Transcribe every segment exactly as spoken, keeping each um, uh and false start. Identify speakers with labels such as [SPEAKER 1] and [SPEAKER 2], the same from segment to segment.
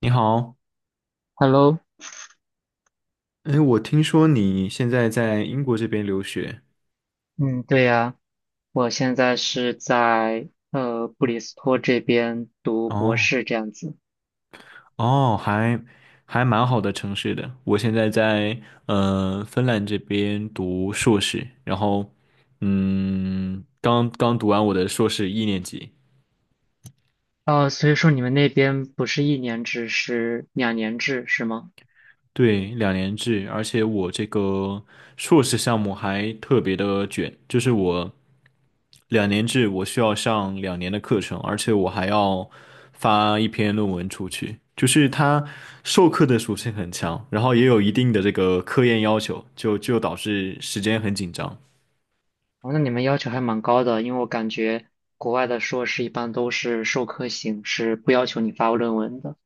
[SPEAKER 1] 你好，
[SPEAKER 2] Hello。
[SPEAKER 1] 哎，我听说你现在在英国这边留学，
[SPEAKER 2] 嗯，对呀，我现在是在呃布里斯托这边读博
[SPEAKER 1] 哦
[SPEAKER 2] 士这样子。
[SPEAKER 1] 哦，还还蛮好的城市的。我现在在呃芬兰这边读硕士，然后嗯，刚刚读完我的硕士一年级。
[SPEAKER 2] 哦，所以说你们那边不是一年制，是两年制，是吗？
[SPEAKER 1] 对，两年制，而且我这个硕士项目还特别的卷，就是我两年制，我需要上两年的课程，而且我还要发一篇论文出去，就是它授课的属性很强，然后也有一定的这个科研要求，就就导致时间很紧张。
[SPEAKER 2] 哦，那你们要求还蛮高的，因为我感觉国外的硕士一般都是授课型，是不要求你发论文的。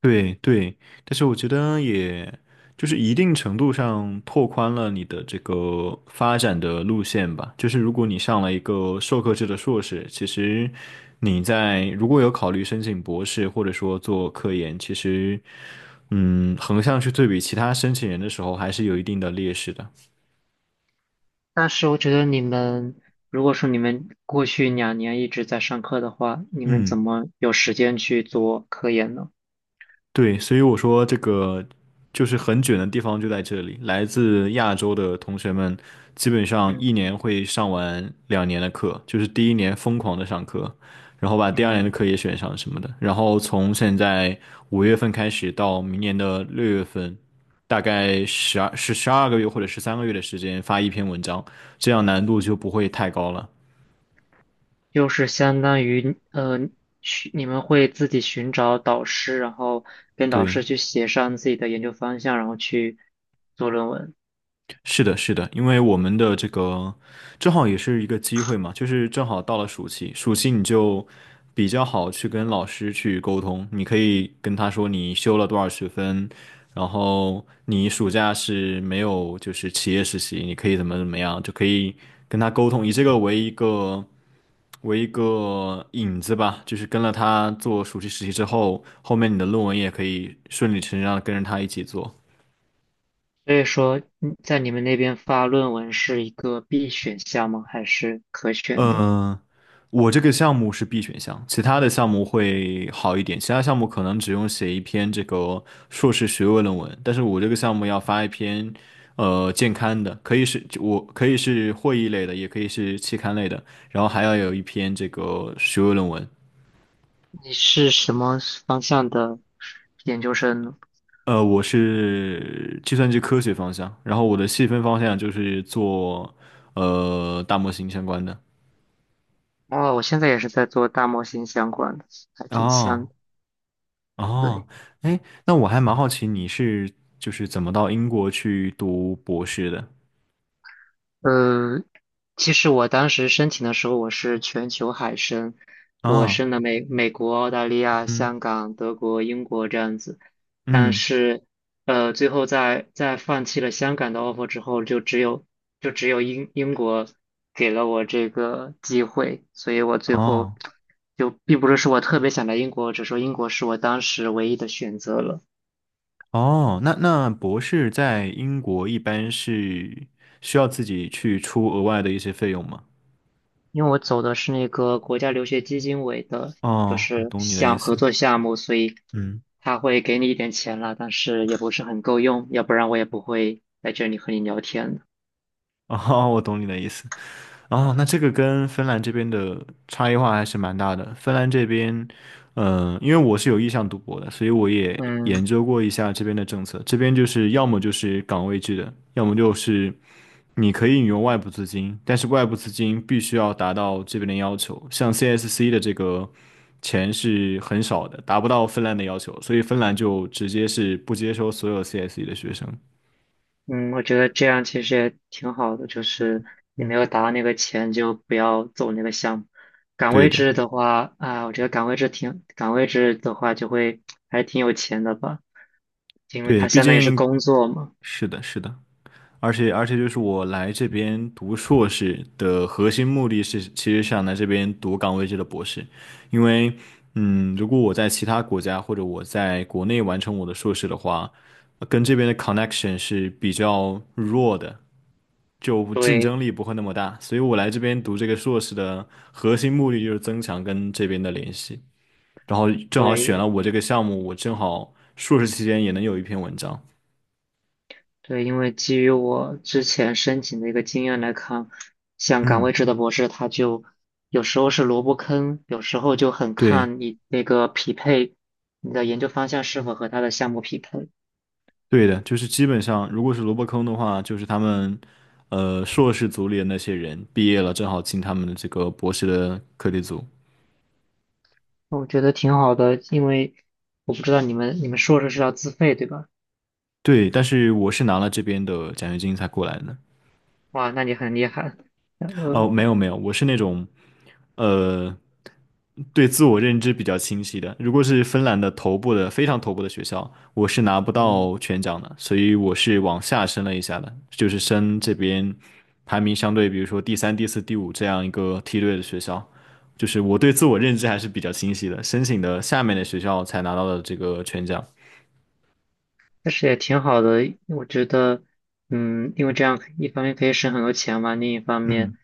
[SPEAKER 1] 对对，但是我觉得也就是一定程度上拓宽了你的这个发展的路线吧。就是如果你上了一个授课制的硕士，其实你在如果有考虑申请博士或者说做科研，其实嗯，横向去对比其他申请人的时候，还是有一定的劣势的。
[SPEAKER 2] 但是我觉得你们，如果说你们过去两年一直在上课的话，你们怎
[SPEAKER 1] 嗯。
[SPEAKER 2] 么有时间去做科研呢？
[SPEAKER 1] 对，所以我说这个就是很卷的地方就在这里，来自亚洲的同学们基本上一
[SPEAKER 2] 嗯
[SPEAKER 1] 年会上完两年的课，就是第一年疯狂的上课，然后把第二年的
[SPEAKER 2] 嗯。
[SPEAKER 1] 课也选上什么的，然后从现在五月份开始到明年的六月份，大概十二是十二个月或者十三个月的时间发一篇文章，这样难度就不会太高了。
[SPEAKER 2] 就是相当于呃，寻你们会自己寻找导师，然后跟导
[SPEAKER 1] 对。
[SPEAKER 2] 师去协商自己的研究方向，然后去做论文。
[SPEAKER 1] 是的，是的，因为我们的这个正好也是一个机会嘛，就是正好到了暑期，暑期你就比较好去跟老师去沟通，你可以跟他说你修了多少学分，然后你暑假是没有就是企业实习，你可以怎么怎么样，就可以跟他沟通，以这个为一个为一个引子吧，就是跟了他做暑期实习之后，后面你的论文也可以顺理成章的跟着他一起做。
[SPEAKER 2] 所以说，嗯在你们那边发论文是一个必选项吗？还是可选的？
[SPEAKER 1] 嗯，我这个项目是 B 选项，其他的项目会好一点。其他项目可能只用写一篇这个硕士学位论文，但是我这个项目要发一篇呃健康的，可以是我可以是会议类的，也可以是期刊类的，然后还要有一篇这个学位论文。
[SPEAKER 2] 你是什么方向的研究生呢？
[SPEAKER 1] 呃，我是计算机科学方向，然后我的细分方向就是做呃大模型相关的。
[SPEAKER 2] 哦，我现在也是在做大模型相关的，还挺像
[SPEAKER 1] 哦。
[SPEAKER 2] 的。
[SPEAKER 1] 哦，
[SPEAKER 2] 对。
[SPEAKER 1] 哎，那我还蛮好奇你是就是怎么到英国去读博士的
[SPEAKER 2] 嗯，其实我当时申请的时候，我是全球海申，我
[SPEAKER 1] 啊？
[SPEAKER 2] 申了美美国、澳大利亚、
[SPEAKER 1] 嗯
[SPEAKER 2] 香港、德国、英国这样子，但
[SPEAKER 1] 嗯，
[SPEAKER 2] 是呃，最后在在放弃了香港的 offer 之后，就只有就只有英英国给了我这个机会，所以我最后
[SPEAKER 1] 哦
[SPEAKER 2] 就并不是说我特别想来英国，只是说英国是我当时唯一的选择了。
[SPEAKER 1] 哦，那那博士在英国一般是需要自己去出额外的一些费用吗？
[SPEAKER 2] 因为我走的是那个国家留学基金委的，就
[SPEAKER 1] 哦，我
[SPEAKER 2] 是
[SPEAKER 1] 懂你的意
[SPEAKER 2] 项
[SPEAKER 1] 思。
[SPEAKER 2] 合作项目，所以
[SPEAKER 1] 嗯，
[SPEAKER 2] 他会给你一点钱了，但是也不是很够用，要不然我也不会在这里和你聊天的。
[SPEAKER 1] 哦，我懂你的意思。哦，那这个跟芬兰这边的差异化还是蛮大的。芬兰这边，嗯、因为我是有意向读博的，所以我也
[SPEAKER 2] 嗯
[SPEAKER 1] 研究过一下这边的政策。这边就是要么就是岗位制的，要么就是你可以引用外部资金，但是外部资金必须要达到这边的要求。像 C S C 的这个钱是很少的，达不到芬兰的要求，所以芬兰就直接是不接收所有 C S C 的学生。
[SPEAKER 2] 嗯，我觉得这样其实也挺好的，就是你没有达到那个钱就不要走那个项目。岗
[SPEAKER 1] 对
[SPEAKER 2] 位
[SPEAKER 1] 的，
[SPEAKER 2] 制的话啊，我觉得岗位制挺岗位制的话就会还挺有钱的吧，因为
[SPEAKER 1] 对，
[SPEAKER 2] 他
[SPEAKER 1] 毕
[SPEAKER 2] 相当于是
[SPEAKER 1] 竟
[SPEAKER 2] 工作嘛。
[SPEAKER 1] 是的，是的。而且而且就是我来这边读硕士的核心目的是，其实想来这边读岗位制的博士，因为嗯，如果我在其他国家或者我在国内完成我的硕士的话，呃跟这边的 connection 是比较弱的，就竞
[SPEAKER 2] 对
[SPEAKER 1] 争力不会那么大，所以我来这边读这个硕士的核心目的就是增强跟这边的联系，然后正好选
[SPEAKER 2] 对，
[SPEAKER 1] 了我这个项目，我正好硕士期间也能有一篇文章。
[SPEAKER 2] 对，因为基于我之前申请的一个经验来看，像岗
[SPEAKER 1] 嗯，
[SPEAKER 2] 位制的博士，他就有时候是萝卜坑，有时候就很
[SPEAKER 1] 对，
[SPEAKER 2] 看你那个匹配，你的研究方向是否和他的项目匹配。
[SPEAKER 1] 对的，就是基本上，如果是萝卜坑的话，就是他们，呃，硕士组里的那些人毕业了，正好进他们的这个博士的课题组。
[SPEAKER 2] 我觉得挺好的，因为我不知道你们你们硕士是要自费对吧？
[SPEAKER 1] 对，但是我是拿了这边的奖学金才过来的。
[SPEAKER 2] 哇，那你很厉害。呃，
[SPEAKER 1] 哦，没有没有，我是那种，呃，对自我认知比较清晰的。如果是芬兰的头部的非常头部的学校，我是拿不
[SPEAKER 2] 嗯。
[SPEAKER 1] 到全奖的，所以我是往下升了一下的，就是升这边排名相对，比如说第三、第四、第五这样一个梯队的学校。就是我对自我认知还是比较清晰的，申请的下面的学校才拿到了这个全奖。
[SPEAKER 2] 但是也挺好的，因为我觉得，嗯，因为这样可一方面可以省很多钱嘛，另一方面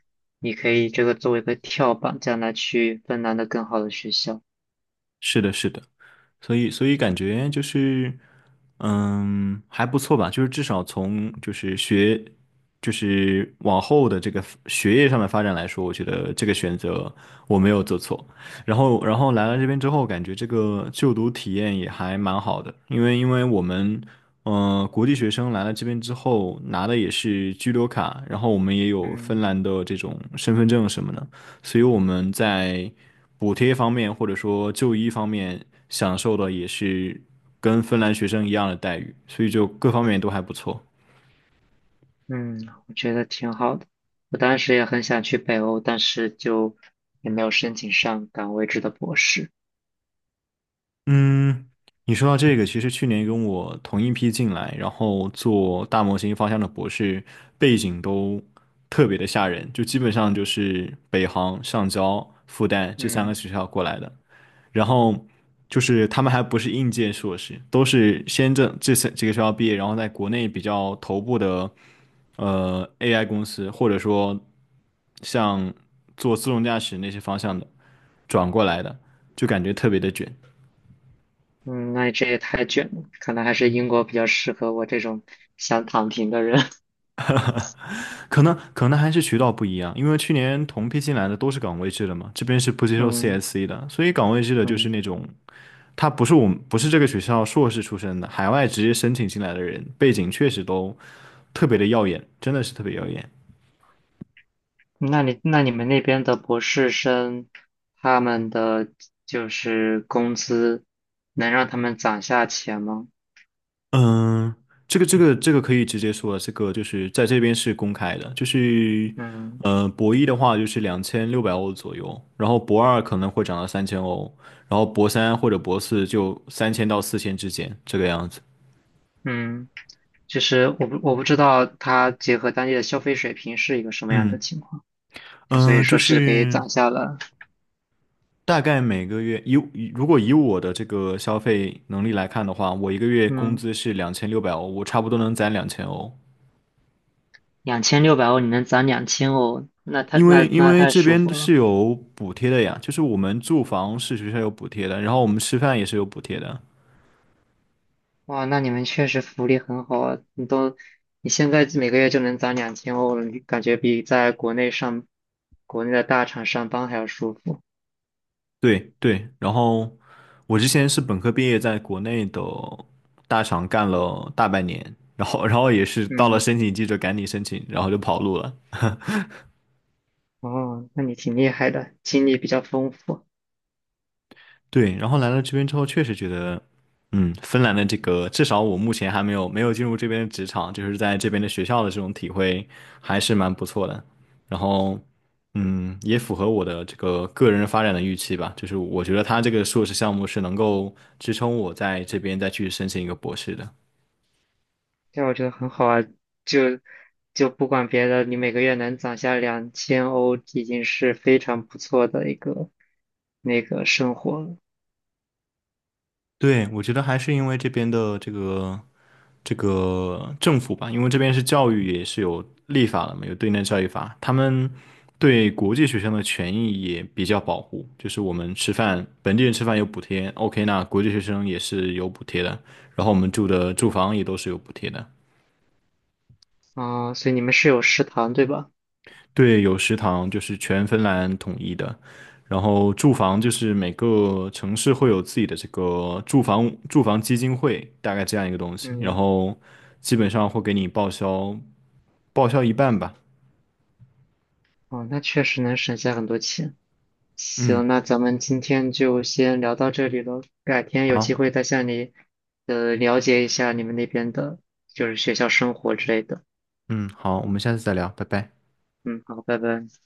[SPEAKER 2] 你可以这个作为一个跳板，将来去芬兰的更好的学校。
[SPEAKER 1] 是的，是的。所以所以感觉就是，嗯，还不错吧，就是至少从就是学，就是往后的这个学业上的发展来说，我觉得这个选择我没有做错。然后然后来了这边之后，感觉这个就读体验也还蛮好的，因为因为我们。嗯，国际学生来了这边之后，拿的也是居留卡，然后我们也有芬
[SPEAKER 2] 嗯
[SPEAKER 1] 兰的这种身份证什么的，所以我们在补贴方面或者说就医方面享受的也是跟芬兰学生一样的待遇，所以就各方面都还不错。
[SPEAKER 2] 嗯，我觉得挺好的。我当时也很想去北欧，但是就也没有申请上岗位制的博士。
[SPEAKER 1] 嗯，你说到这个，其实去年跟我同一批进来，然后做大模型方向的博士，背景都特别的吓人，就基本上就是北航、上交、复旦这三个
[SPEAKER 2] 嗯
[SPEAKER 1] 学校过来的，然后。就是他们还不是应届硕士，都是先这这三几个学校毕业，然后在国内比较头部的呃 A I 公司，或者说像做自动驾驶那些方向的转过来的，就感觉特别的卷。
[SPEAKER 2] 嗯，那这也太卷了，可能还是英国比较适合我这种想躺平的人。
[SPEAKER 1] 可能可能还是渠道不一样，因为去年同批进来的都是岗位制的嘛，这边是不接 受
[SPEAKER 2] 嗯
[SPEAKER 1] C S C 的，所以岗位制的就是
[SPEAKER 2] 嗯。
[SPEAKER 1] 那种他不是我们不是这个学校硕士出身的，海外直接申请进来的人，背景确实都特别的耀眼，真的是特别耀眼。
[SPEAKER 2] 那你那你们那边的博士生，他们的就是工资能让他们攒下钱吗？
[SPEAKER 1] 嗯，这个这个这个可以直接说了，这个就是在这边是公开的，就是
[SPEAKER 2] 嗯
[SPEAKER 1] 呃，博一的话就是两千六百欧左右，然后博二可能会涨到三千欧，然后博三或者博四就三千到四千之间这个样子。
[SPEAKER 2] 嗯，就是我不我不知道他结合当地的消费水平是一个什么样的
[SPEAKER 1] 嗯
[SPEAKER 2] 情况，所
[SPEAKER 1] 嗯，
[SPEAKER 2] 以
[SPEAKER 1] 呃就
[SPEAKER 2] 说是可以
[SPEAKER 1] 是
[SPEAKER 2] 攒下了，
[SPEAKER 1] 大概每个月以以如果以我的这个消费能力来看的话，我一个月工
[SPEAKER 2] 嗯，
[SPEAKER 1] 资是两千六百欧，我差不多能攒两千欧。
[SPEAKER 2] 两千六百欧你能攒两千欧，那太
[SPEAKER 1] 因为
[SPEAKER 2] 那
[SPEAKER 1] 因
[SPEAKER 2] 那
[SPEAKER 1] 为
[SPEAKER 2] 太
[SPEAKER 1] 这
[SPEAKER 2] 舒
[SPEAKER 1] 边
[SPEAKER 2] 服了。
[SPEAKER 1] 是有补贴的呀，就是我们住房是学校有补贴的，然后我们吃饭也是有补贴的。
[SPEAKER 2] 哇，那你们确实福利很好啊！你都，你现在每个月就能攒两千欧了，你感觉比在国内上，国内的大厂上班还要舒服。
[SPEAKER 1] 对对，然后我之前是本科毕业，在国内的大厂干了大半年，然后然后也是到了
[SPEAKER 2] 嗯，
[SPEAKER 1] 申请季就赶紧申请，然后就跑路了。
[SPEAKER 2] 哦，那你挺厉害的，经历比较丰富，
[SPEAKER 1] 对，然后来了这边之后，确实觉得，嗯，芬兰的这个，至少我目前还没有没有进入这边的职场，就是在这边的学校的这种体会还是蛮不错的。然后，嗯，也符合我的这个个人发展的预期吧，就是我觉得他这个硕士项目是能够支撑我在这边再去申请一个博士的。
[SPEAKER 2] 这我觉得很好啊。就就不管别的，你每个月能攒下两千欧，已经是非常不错的一个那个生活了。
[SPEAKER 1] 对，我觉得还是因为这边的这个这个政府吧，因为这边是教育也是有立法的嘛，有对内教育法，他们对国际学生的权益也比较保护，就是我们吃饭，本地人吃饭有补贴，OK，那国际学生也是有补贴的，然后我们住的住房也都是有补贴的，
[SPEAKER 2] 哦，所以你们是有食堂对吧？
[SPEAKER 1] 对，有食堂就是全芬兰统一的，然后住房就是每个城市会有自己的这个住房住房基金会，大概这样一个东西，然
[SPEAKER 2] 嗯，
[SPEAKER 1] 后基本上会给你报销报销一半吧。
[SPEAKER 2] 哦，那确实能省下很多钱。
[SPEAKER 1] 嗯，
[SPEAKER 2] 行，那咱们今天就先聊到这里了，改天有机
[SPEAKER 1] 好，
[SPEAKER 2] 会再向你呃了解一下你们那边的，就是学校生活之类的。
[SPEAKER 1] 嗯，好，我们下次再聊，拜拜。
[SPEAKER 2] 嗯，好，拜拜。